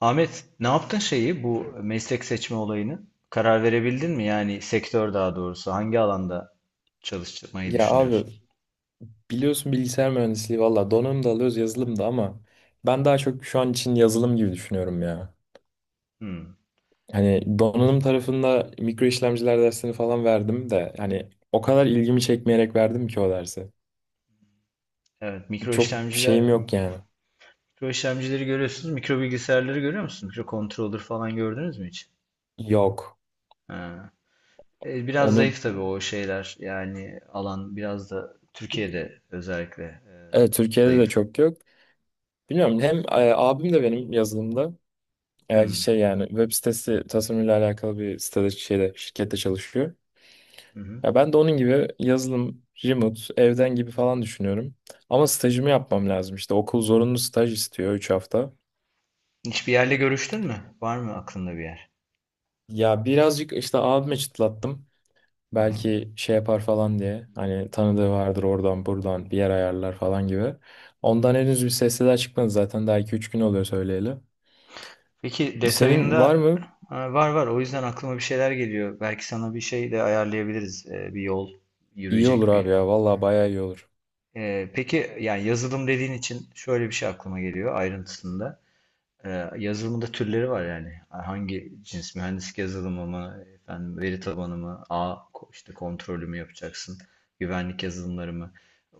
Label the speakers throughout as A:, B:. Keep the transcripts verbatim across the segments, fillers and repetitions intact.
A: Ahmet, ne yaptın şeyi bu meslek seçme olayını? Karar verebildin mi? Yani sektör daha doğrusu hangi alanda çalışmayı
B: Ya abi
A: düşünüyorsun?
B: biliyorsun bilgisayar mühendisliği valla donanım da alıyoruz yazılım da ama ben daha çok şu an için yazılım gibi düşünüyorum ya.
A: Hmm.
B: Hani donanım tarafında mikro işlemciler dersini falan verdim de hani o kadar ilgimi çekmeyerek verdim ki o dersi.
A: Evet, mikro
B: Çok
A: işlemciler,
B: şeyim yok yani.
A: mikro işlemcileri görüyorsunuz, mikro bilgisayarları görüyor musunuz? Mikro controller falan gördünüz mü hiç?
B: Yok.
A: Ha. E, biraz
B: Onu
A: zayıf tabii o şeyler. Yani alan biraz da Türkiye'de özellikle e,
B: evet, Türkiye'de de
A: zayıf.
B: çok yok. Bilmiyorum hem e, abim de benim yazılımda e,
A: Hmm.
B: şey yani web sitesi tasarımıyla alakalı bir sitede şeyde şirkette çalışıyor.
A: Hı hı.
B: Ya ben de onun gibi yazılım, remote, evden gibi falan düşünüyorum. Ama stajımı yapmam lazım. İşte okul zorunlu staj istiyor üç hafta.
A: Hiçbir yerle görüştün mü? Var mı aklında bir yer?
B: Ya birazcık işte abime çıtlattım. Belki şey yapar falan diye. Hani tanıdığı vardır oradan buradan bir yer ayarlar falan gibi. Ondan henüz bir sesler çıkmadı zaten. Daha iki üç gün oluyor söyleyeli.
A: Peki
B: Senin var
A: detayında.
B: mı?
A: Ha, var var, o yüzden aklıma bir şeyler geliyor. Belki sana bir şey de ayarlayabiliriz. Ee, bir yol
B: İyi olur
A: yürüyecek
B: abi
A: bir.
B: ya. Vallahi bayağı iyi olur.
A: Ee, peki, yani yazılım dediğin için şöyle bir şey aklıma geliyor ayrıntısında. Ee, yazılımda türleri var yani. Hangi cins mühendislik yazılımı mı, efendim veri tabanı mı, ağ ko- işte kontrolü mü yapacaksın, güvenlik yazılımları mı?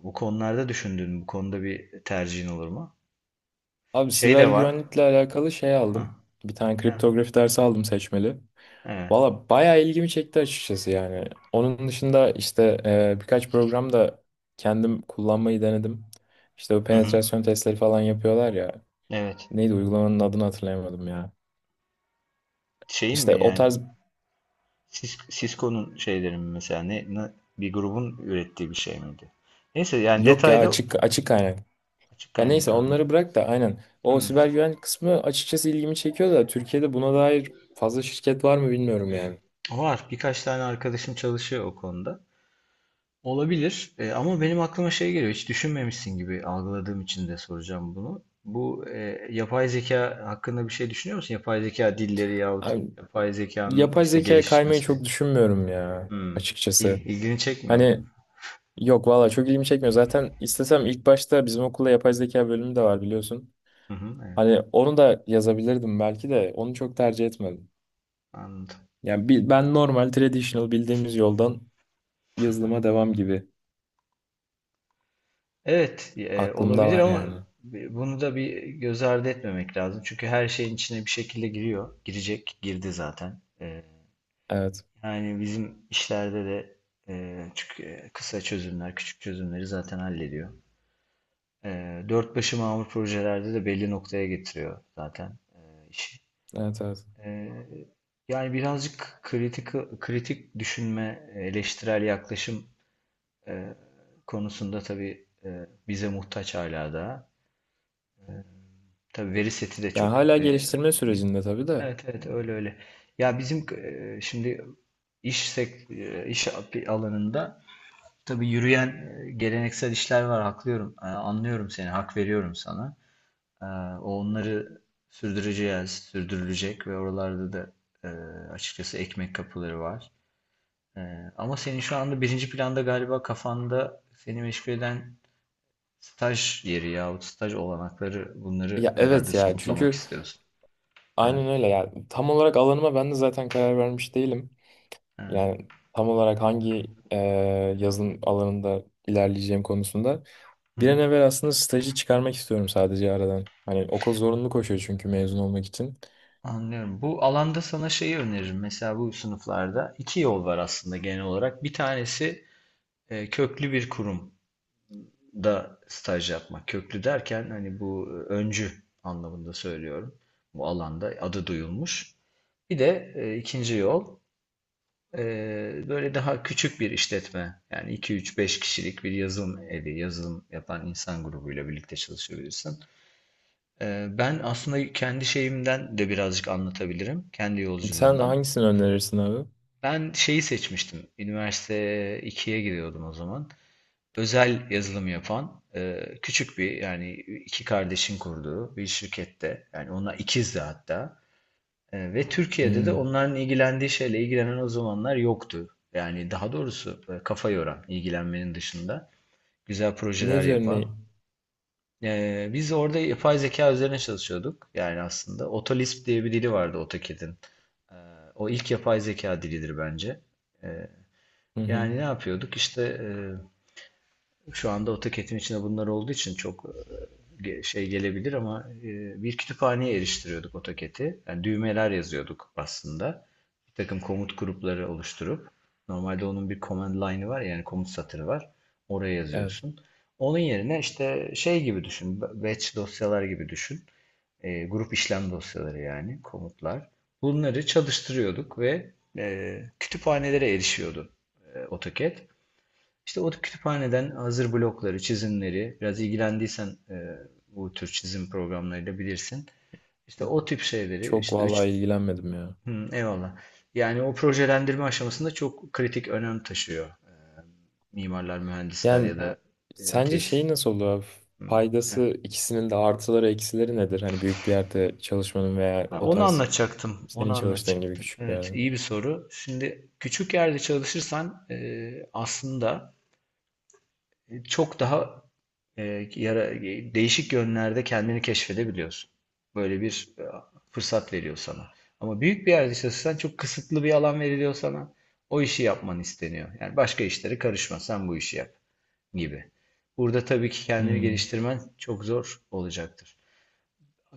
A: Bu konularda düşündüğün Bu konuda bir tercihin olur mu?
B: Abi,
A: Şey
B: siber
A: de var.
B: güvenlikle alakalı şey
A: Ha,
B: aldım. Bir tane
A: ya,
B: kriptografi dersi aldım seçmeli.
A: evet.
B: Valla bayağı ilgimi çekti açıkçası yani. Onun dışında işte e, birkaç program da kendim kullanmayı denedim. İşte bu
A: Hı hı.
B: penetrasyon testleri falan yapıyorlar ya.
A: Evet.
B: Neydi uygulamanın adını hatırlayamadım ya.
A: Şeyin mi
B: İşte o
A: yani
B: tarz,
A: Sis- Cisco'nun şeyleri mi, mesela ne, ne- bir grubun ürettiği bir şey miydi? Neyse, yani
B: yok ya,
A: detaylı.
B: açık açık kaynak.
A: Açık
B: Ya neyse
A: kaynak, anladım.
B: onları bırak da aynen. O
A: Hmm.
B: siber güvenlik kısmı açıkçası ilgimi çekiyor da Türkiye'de buna dair fazla şirket var mı bilmiyorum yani.
A: Var, birkaç tane arkadaşım çalışıyor o konuda. Olabilir. E, ama benim aklıma şey geliyor, hiç düşünmemişsin gibi algıladığım için de soracağım bunu. Bu e, yapay zeka hakkında bir şey düşünüyor musun? Yapay zeka dilleri yahut
B: Abi,
A: yapay zekanın
B: yapay
A: işte
B: zekaya kaymayı
A: gelişmesi.
B: çok düşünmüyorum ya
A: Hmm.
B: açıkçası.
A: İl- ilgini çekmiyor mu?
B: Hani, yok valla çok ilgimi çekmiyor. Zaten istesem ilk başta bizim okulda yapay zeka bölümü de var biliyorsun.
A: Hı hı, evet,
B: Hani onu da yazabilirdim belki de onu çok tercih etmedim.
A: anladım.
B: Yani bi- ben normal traditional bildiğimiz yoldan yazılıma devam gibi
A: Evet, e,
B: aklımda
A: olabilir
B: var
A: ama
B: yani.
A: bi- bunu da bir göz ardı etmemek lazım. Çünkü her şeyin içine bir şekilde giriyor. Girecek, girdi zaten. E,
B: Evet.
A: yani bizim işlerde de, e, çünkü e, kısa çözümler, küçük çözümleri zaten hallediyor. E, Dört başı mamur projelerde de belli noktaya getiriyor zaten e, işi.
B: Evet evet.
A: E, Yani birazcık kritik, kritik düşünme, eleştirel yaklaşım e, konusunda tabii e, bize muhtaç hala da. Tabii veri seti de çok
B: Yani hala
A: e,
B: geliştirme
A: iyi.
B: sürecinde tabii de.
A: Evet evet, öyle öyle. Ya bizim e, şimdi iş sek, e, iş alanında tabii yürüyen e, geleneksel işler var, haklıyorum. E, anlıyorum seni, hak veriyorum sana. E, o onları sürdüreceğiz, sürdürülecek ve oralarda da e, açıkçası ekmek kapıları var. E, Ama senin şu anda birinci planda galiba kafanda seni meşgul eden staj yeri yahut staj olanakları, bunları
B: Ya
A: herhalde
B: evet ya
A: somutlamak
B: çünkü,
A: istiyorsun. Evet.
B: aynen öyle ya. Tam olarak alanıma ben de zaten karar vermiş değilim.
A: Evet.
B: Yani tam olarak hangi e, yazılım alanında ilerleyeceğim konusunda.
A: Hı
B: Bir
A: hı.
B: an evvel aslında stajı çıkarmak istiyorum sadece aradan. Hani okul zorunlu koşuyor çünkü mezun olmak için.
A: Anlıyorum. Bu alanda sana şeyi öneririm. Mesela bu sınıflarda iki yol var aslında genel olarak. Bir tanesi e, köklü bir kurumda staj yapmak. Köklü derken hani bu e, öncü anlamında söylüyorum. Bu alanda adı duyulmuş. Bir de e, ikinci yol, e, böyle daha küçük bir işletme. Yani iki üç beş kişilik bir yazılım evi, yazılım yapan insan grubuyla birlikte çalışabilirsin. Ee, Ben aslında kendi şeyimden de birazcık anlatabilirim. Kendi
B: Sen
A: yolculuğumdan.
B: hangisini önerirsin abi?
A: Ben şeyi seçmiştim. Üniversite ikiye gidiyordum o zaman. Özel yazılım yapan e, küçük bir, yani iki kardeşin kurduğu bir şirkette. Yani ona ikizdi hatta. E, Ve Türkiye'de de
B: Hmm.
A: onların ilgilendiği şeyle ilgilenen o zamanlar yoktu. Yani daha doğrusu e, kafa yoran, ilgilenmenin dışında güzel
B: Ne
A: projeler yapan.
B: üzerine?
A: Ee, biz orada yapay zeka üzerine çalışıyorduk. Yani aslında Otolisp diye bir dili vardı AutoCAD'in. Ee, O ilk yapay zeka dilidir bence. Ee,
B: Hı hı.
A: Yani ne yapıyorduk? İşte e, şu anda o teketin içinde bunlar olduğu için çok e, şey gelebilir ama e, bir kütüphaneye eriştiriyorduk AutoCAD'i. Yani düğmeler yazıyorduk aslında. Bir takım komut grupları oluşturup, normalde onun bir command line'ı var ya, yani komut satırı var. Oraya
B: Evet.
A: yazıyorsun. Onun yerine işte şey gibi düşün. Batch dosyalar gibi düşün. E, grup işlem dosyaları, yani komutlar. Bunları çalıştırıyorduk ve e, kütüphanelere erişiyordu e, AutoCAD. İşte o kütüphaneden hazır blokları, çizimleri, biraz ilgilendiysen e, bu tür çizim programlarıyla bilirsin. İşte o tip şeyleri,
B: Çok
A: işte üç.
B: vallahi ilgilenmedim ya.
A: Hı, eyvallah. Yani o projelendirme aşamasında çok kritik önem taşıyor. E, mimarlar, mühendisler
B: Yani
A: ya da e,
B: sence şey
A: tesis.
B: nasıl olur abi?
A: Hı,
B: Faydası,
A: evet.
B: ikisinin de artıları eksileri nedir? Hani büyük bir yerde çalışmanın veya
A: Ha,
B: o
A: onu
B: tarz
A: anlatacaktım, onu
B: senin çalıştığın gibi
A: anlatacaktım.
B: küçük bir
A: Evet,
B: yerde.
A: iyi bir soru. Şimdi küçük yerde çalışırsan e, aslında çok daha e, yara, e, değişik yönlerde kendini keşfedebiliyorsun. Böyle bir e, fırsat veriyor sana. Ama büyük bir yerde çalışırsan çok kısıtlı bir alan veriliyor sana. O işi yapman isteniyor. Yani başka işlere karışma, sen bu işi yap gibi. Burada tabii ki kendini
B: Hmm.
A: geliştirmen çok zor olacaktır.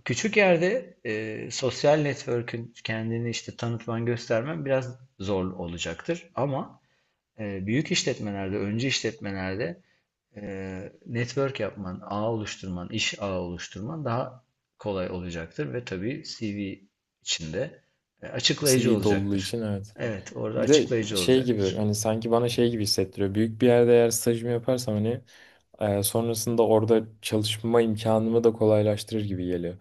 A: Küçük yerde e, sosyal network'ün, kendini işte tanıtman, göstermen biraz zor olacaktır. Ama e, büyük işletmelerde, öncü işletmelerde eee, network yapman, ağ oluşturman, iş ağı oluşturman daha kolay olacaktır ve tabii C V içinde e, açıklayıcı
B: C V doluluğu
A: olacaktır.
B: için evet.
A: Evet, orada
B: Bir de
A: açıklayıcı
B: şey gibi
A: olacaktır.
B: hani, sanki bana şey gibi hissettiriyor. Büyük bir yerde eğer stajımı yaparsam hani, Ee, sonrasında orada çalışma imkanımı da kolaylaştırır gibi geliyor.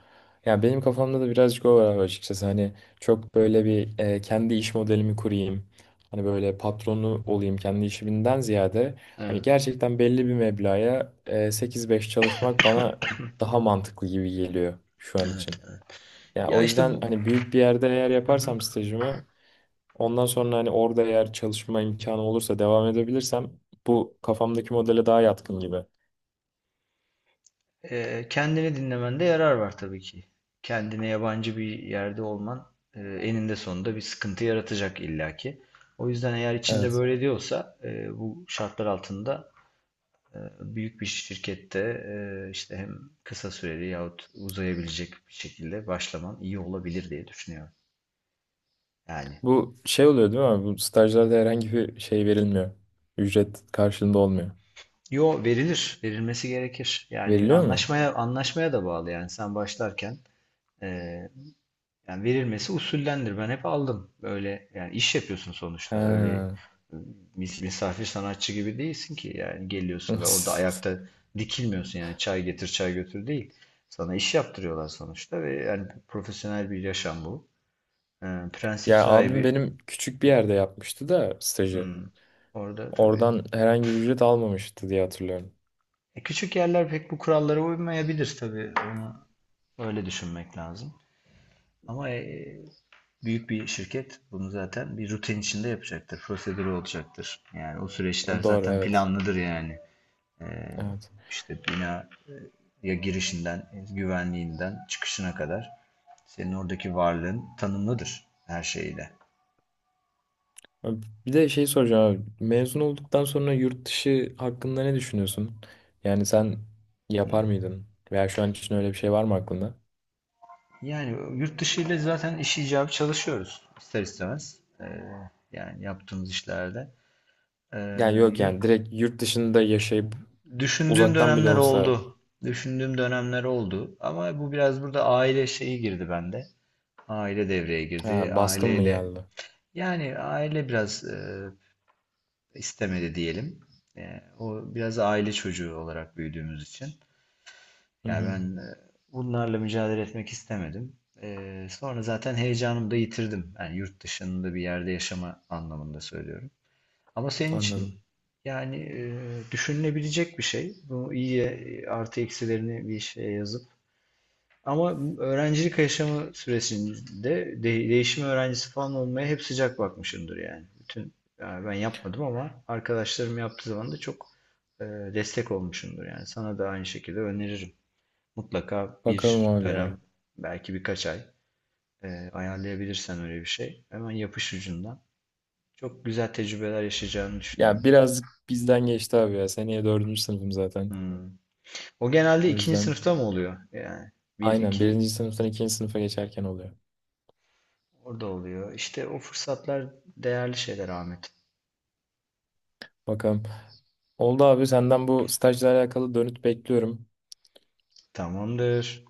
B: Ya benim kafamda da birazcık o var açıkçası. Hani çok
A: Hı hı.
B: böyle bir, e, kendi iş modelimi kurayım. Hani böyle patronu olayım kendi işimden ziyade. Hani
A: Evet,
B: gerçekten belli bir meblağa e, sekiz beş çalışmak bana daha mantıklı gibi geliyor şu an
A: evet,
B: için.
A: evet.
B: Ya
A: Ya
B: o
A: işte
B: yüzden
A: bu,
B: hani büyük bir yerde eğer
A: hı hı.
B: yaparsam stajımı, ondan sonra hani orada eğer çalışma imkanı olursa devam edebilirsem bu kafamdaki modele daha yatkın gibi.
A: Eee, kendini dinlemende yarar var tabii ki. Kendine yabancı bir yerde olman e, eninde sonunda bir sıkıntı yaratacak illaki. O yüzden eğer içinde
B: Evet.
A: böyle diyorsa, e, bu şartlar altında, E, büyük bir şirkette e, işte hem kısa süreli yahut uzayabilecek bir şekilde başlaman iyi olabilir diye düşünüyorum. Yani,
B: Bu şey oluyor değil mi abi? Bu stajlarda herhangi bir şey verilmiyor. Ücret karşılığında olmuyor.
A: yo, verilir, verilmesi gerekir. Yani
B: Veriliyor mu?
A: anlaşmaya, anlaşmaya da bağlı, yani sen başlarken e, yani verilmesi usullendir. Ben hep aldım. Öyle, yani iş yapıyorsun sonuçta. Öyle
B: He.
A: e, mis- misafir sanatçı gibi değilsin ki, yani geliyorsun ve orada ayakta dikilmiyorsun, yani çay getir çay götür değil. Sana iş yaptırıyorlar sonuçta ve yani profesyonel bir yaşam bu. Ee, prensip
B: Ya abim
A: sahibi.
B: benim küçük bir yerde yapmıştı da stajı.
A: hmm, Orada tabii.
B: Oradan herhangi bir ücret almamıştı diye hatırlıyorum.
A: E, küçük yerler pek bu kurallara uymayabilir tabii. Onu öyle düşünmek lazım. Ama e, büyük bir şirket bunu zaten bir rutin içinde yapacaktır. Prosedürü olacaktır. Yani o süreçler
B: Doğru
A: zaten
B: evet.
A: planlıdır yani. Ee,
B: Evet.
A: işte bina, e, ya girişinden, güvenliğinden çıkışına kadar senin oradaki varlığın tanımlıdır her şeyle.
B: Abi, bir de şey soracağım abi. Mezun olduktan sonra yurt dışı hakkında ne düşünüyorsun? Yani sen yapar
A: Hı.
B: mıydın? Veya şu an için öyle bir şey var mı aklında?
A: Yani yurt dışı ile zaten iş icabı çalışıyoruz, ister istemez. Ee, yani yaptığımız işlerde. Ee,
B: Yani yok
A: yurt,
B: yani direkt yurt dışında yaşayıp
A: Düşündüğüm
B: uzaktan bile
A: dönemler
B: olsa.
A: oldu. Düşündüğüm dönemler oldu. Ama bu biraz burada aile şeyi girdi bende. Aile devreye girdi.
B: Ha, baskın mı
A: Aileyle
B: geldi?
A: yani aile biraz e, istemedi diyelim. Ee, o biraz aile çocuğu olarak büyüdüğümüz için.
B: Hı
A: Yani
B: hı,
A: ben e, bunlarla mücadele etmek istemedim. E, sonra zaten heyecanımı da yitirdim. Yani yurt dışında bir yerde yaşama anlamında söylüyorum. Ama senin
B: anladım.
A: için yani e, düşünülebilecek bir şey. Bu iyi, e, artı eksilerini bir şeye yazıp. Ama öğrencilik yaşamı süresinde de, değişim öğrencisi falan olmaya hep sıcak bakmışımdır yani. Bütün yani ben yapmadım ama arkadaşlarım yaptığı zaman da çok e, destek olmuşumdur yani. Sana da aynı şekilde öneririm. Mutlaka
B: Bakalım
A: bir
B: abi ya.
A: dönem, belki birkaç ay e, ayarlayabilirsen öyle bir şey. Hemen yapış ucundan. Çok güzel tecrübeler yaşayacağını düşünüyorum.
B: Ya biraz bizden geçti abi ya. Seneye dördüncü sınıfım zaten.
A: Hmm. O genelde
B: O
A: ikinci
B: yüzden
A: sınıfta mı oluyor? Yani bir,
B: aynen
A: iki
B: birinci sınıftan ikinci sınıfa geçerken oluyor.
A: orada oluyor. İşte o fırsatlar değerli şeyler, Ahmet.
B: Bakalım. Oldu abi, senden bu stajla alakalı dönüt bekliyorum.
A: Tamamdır.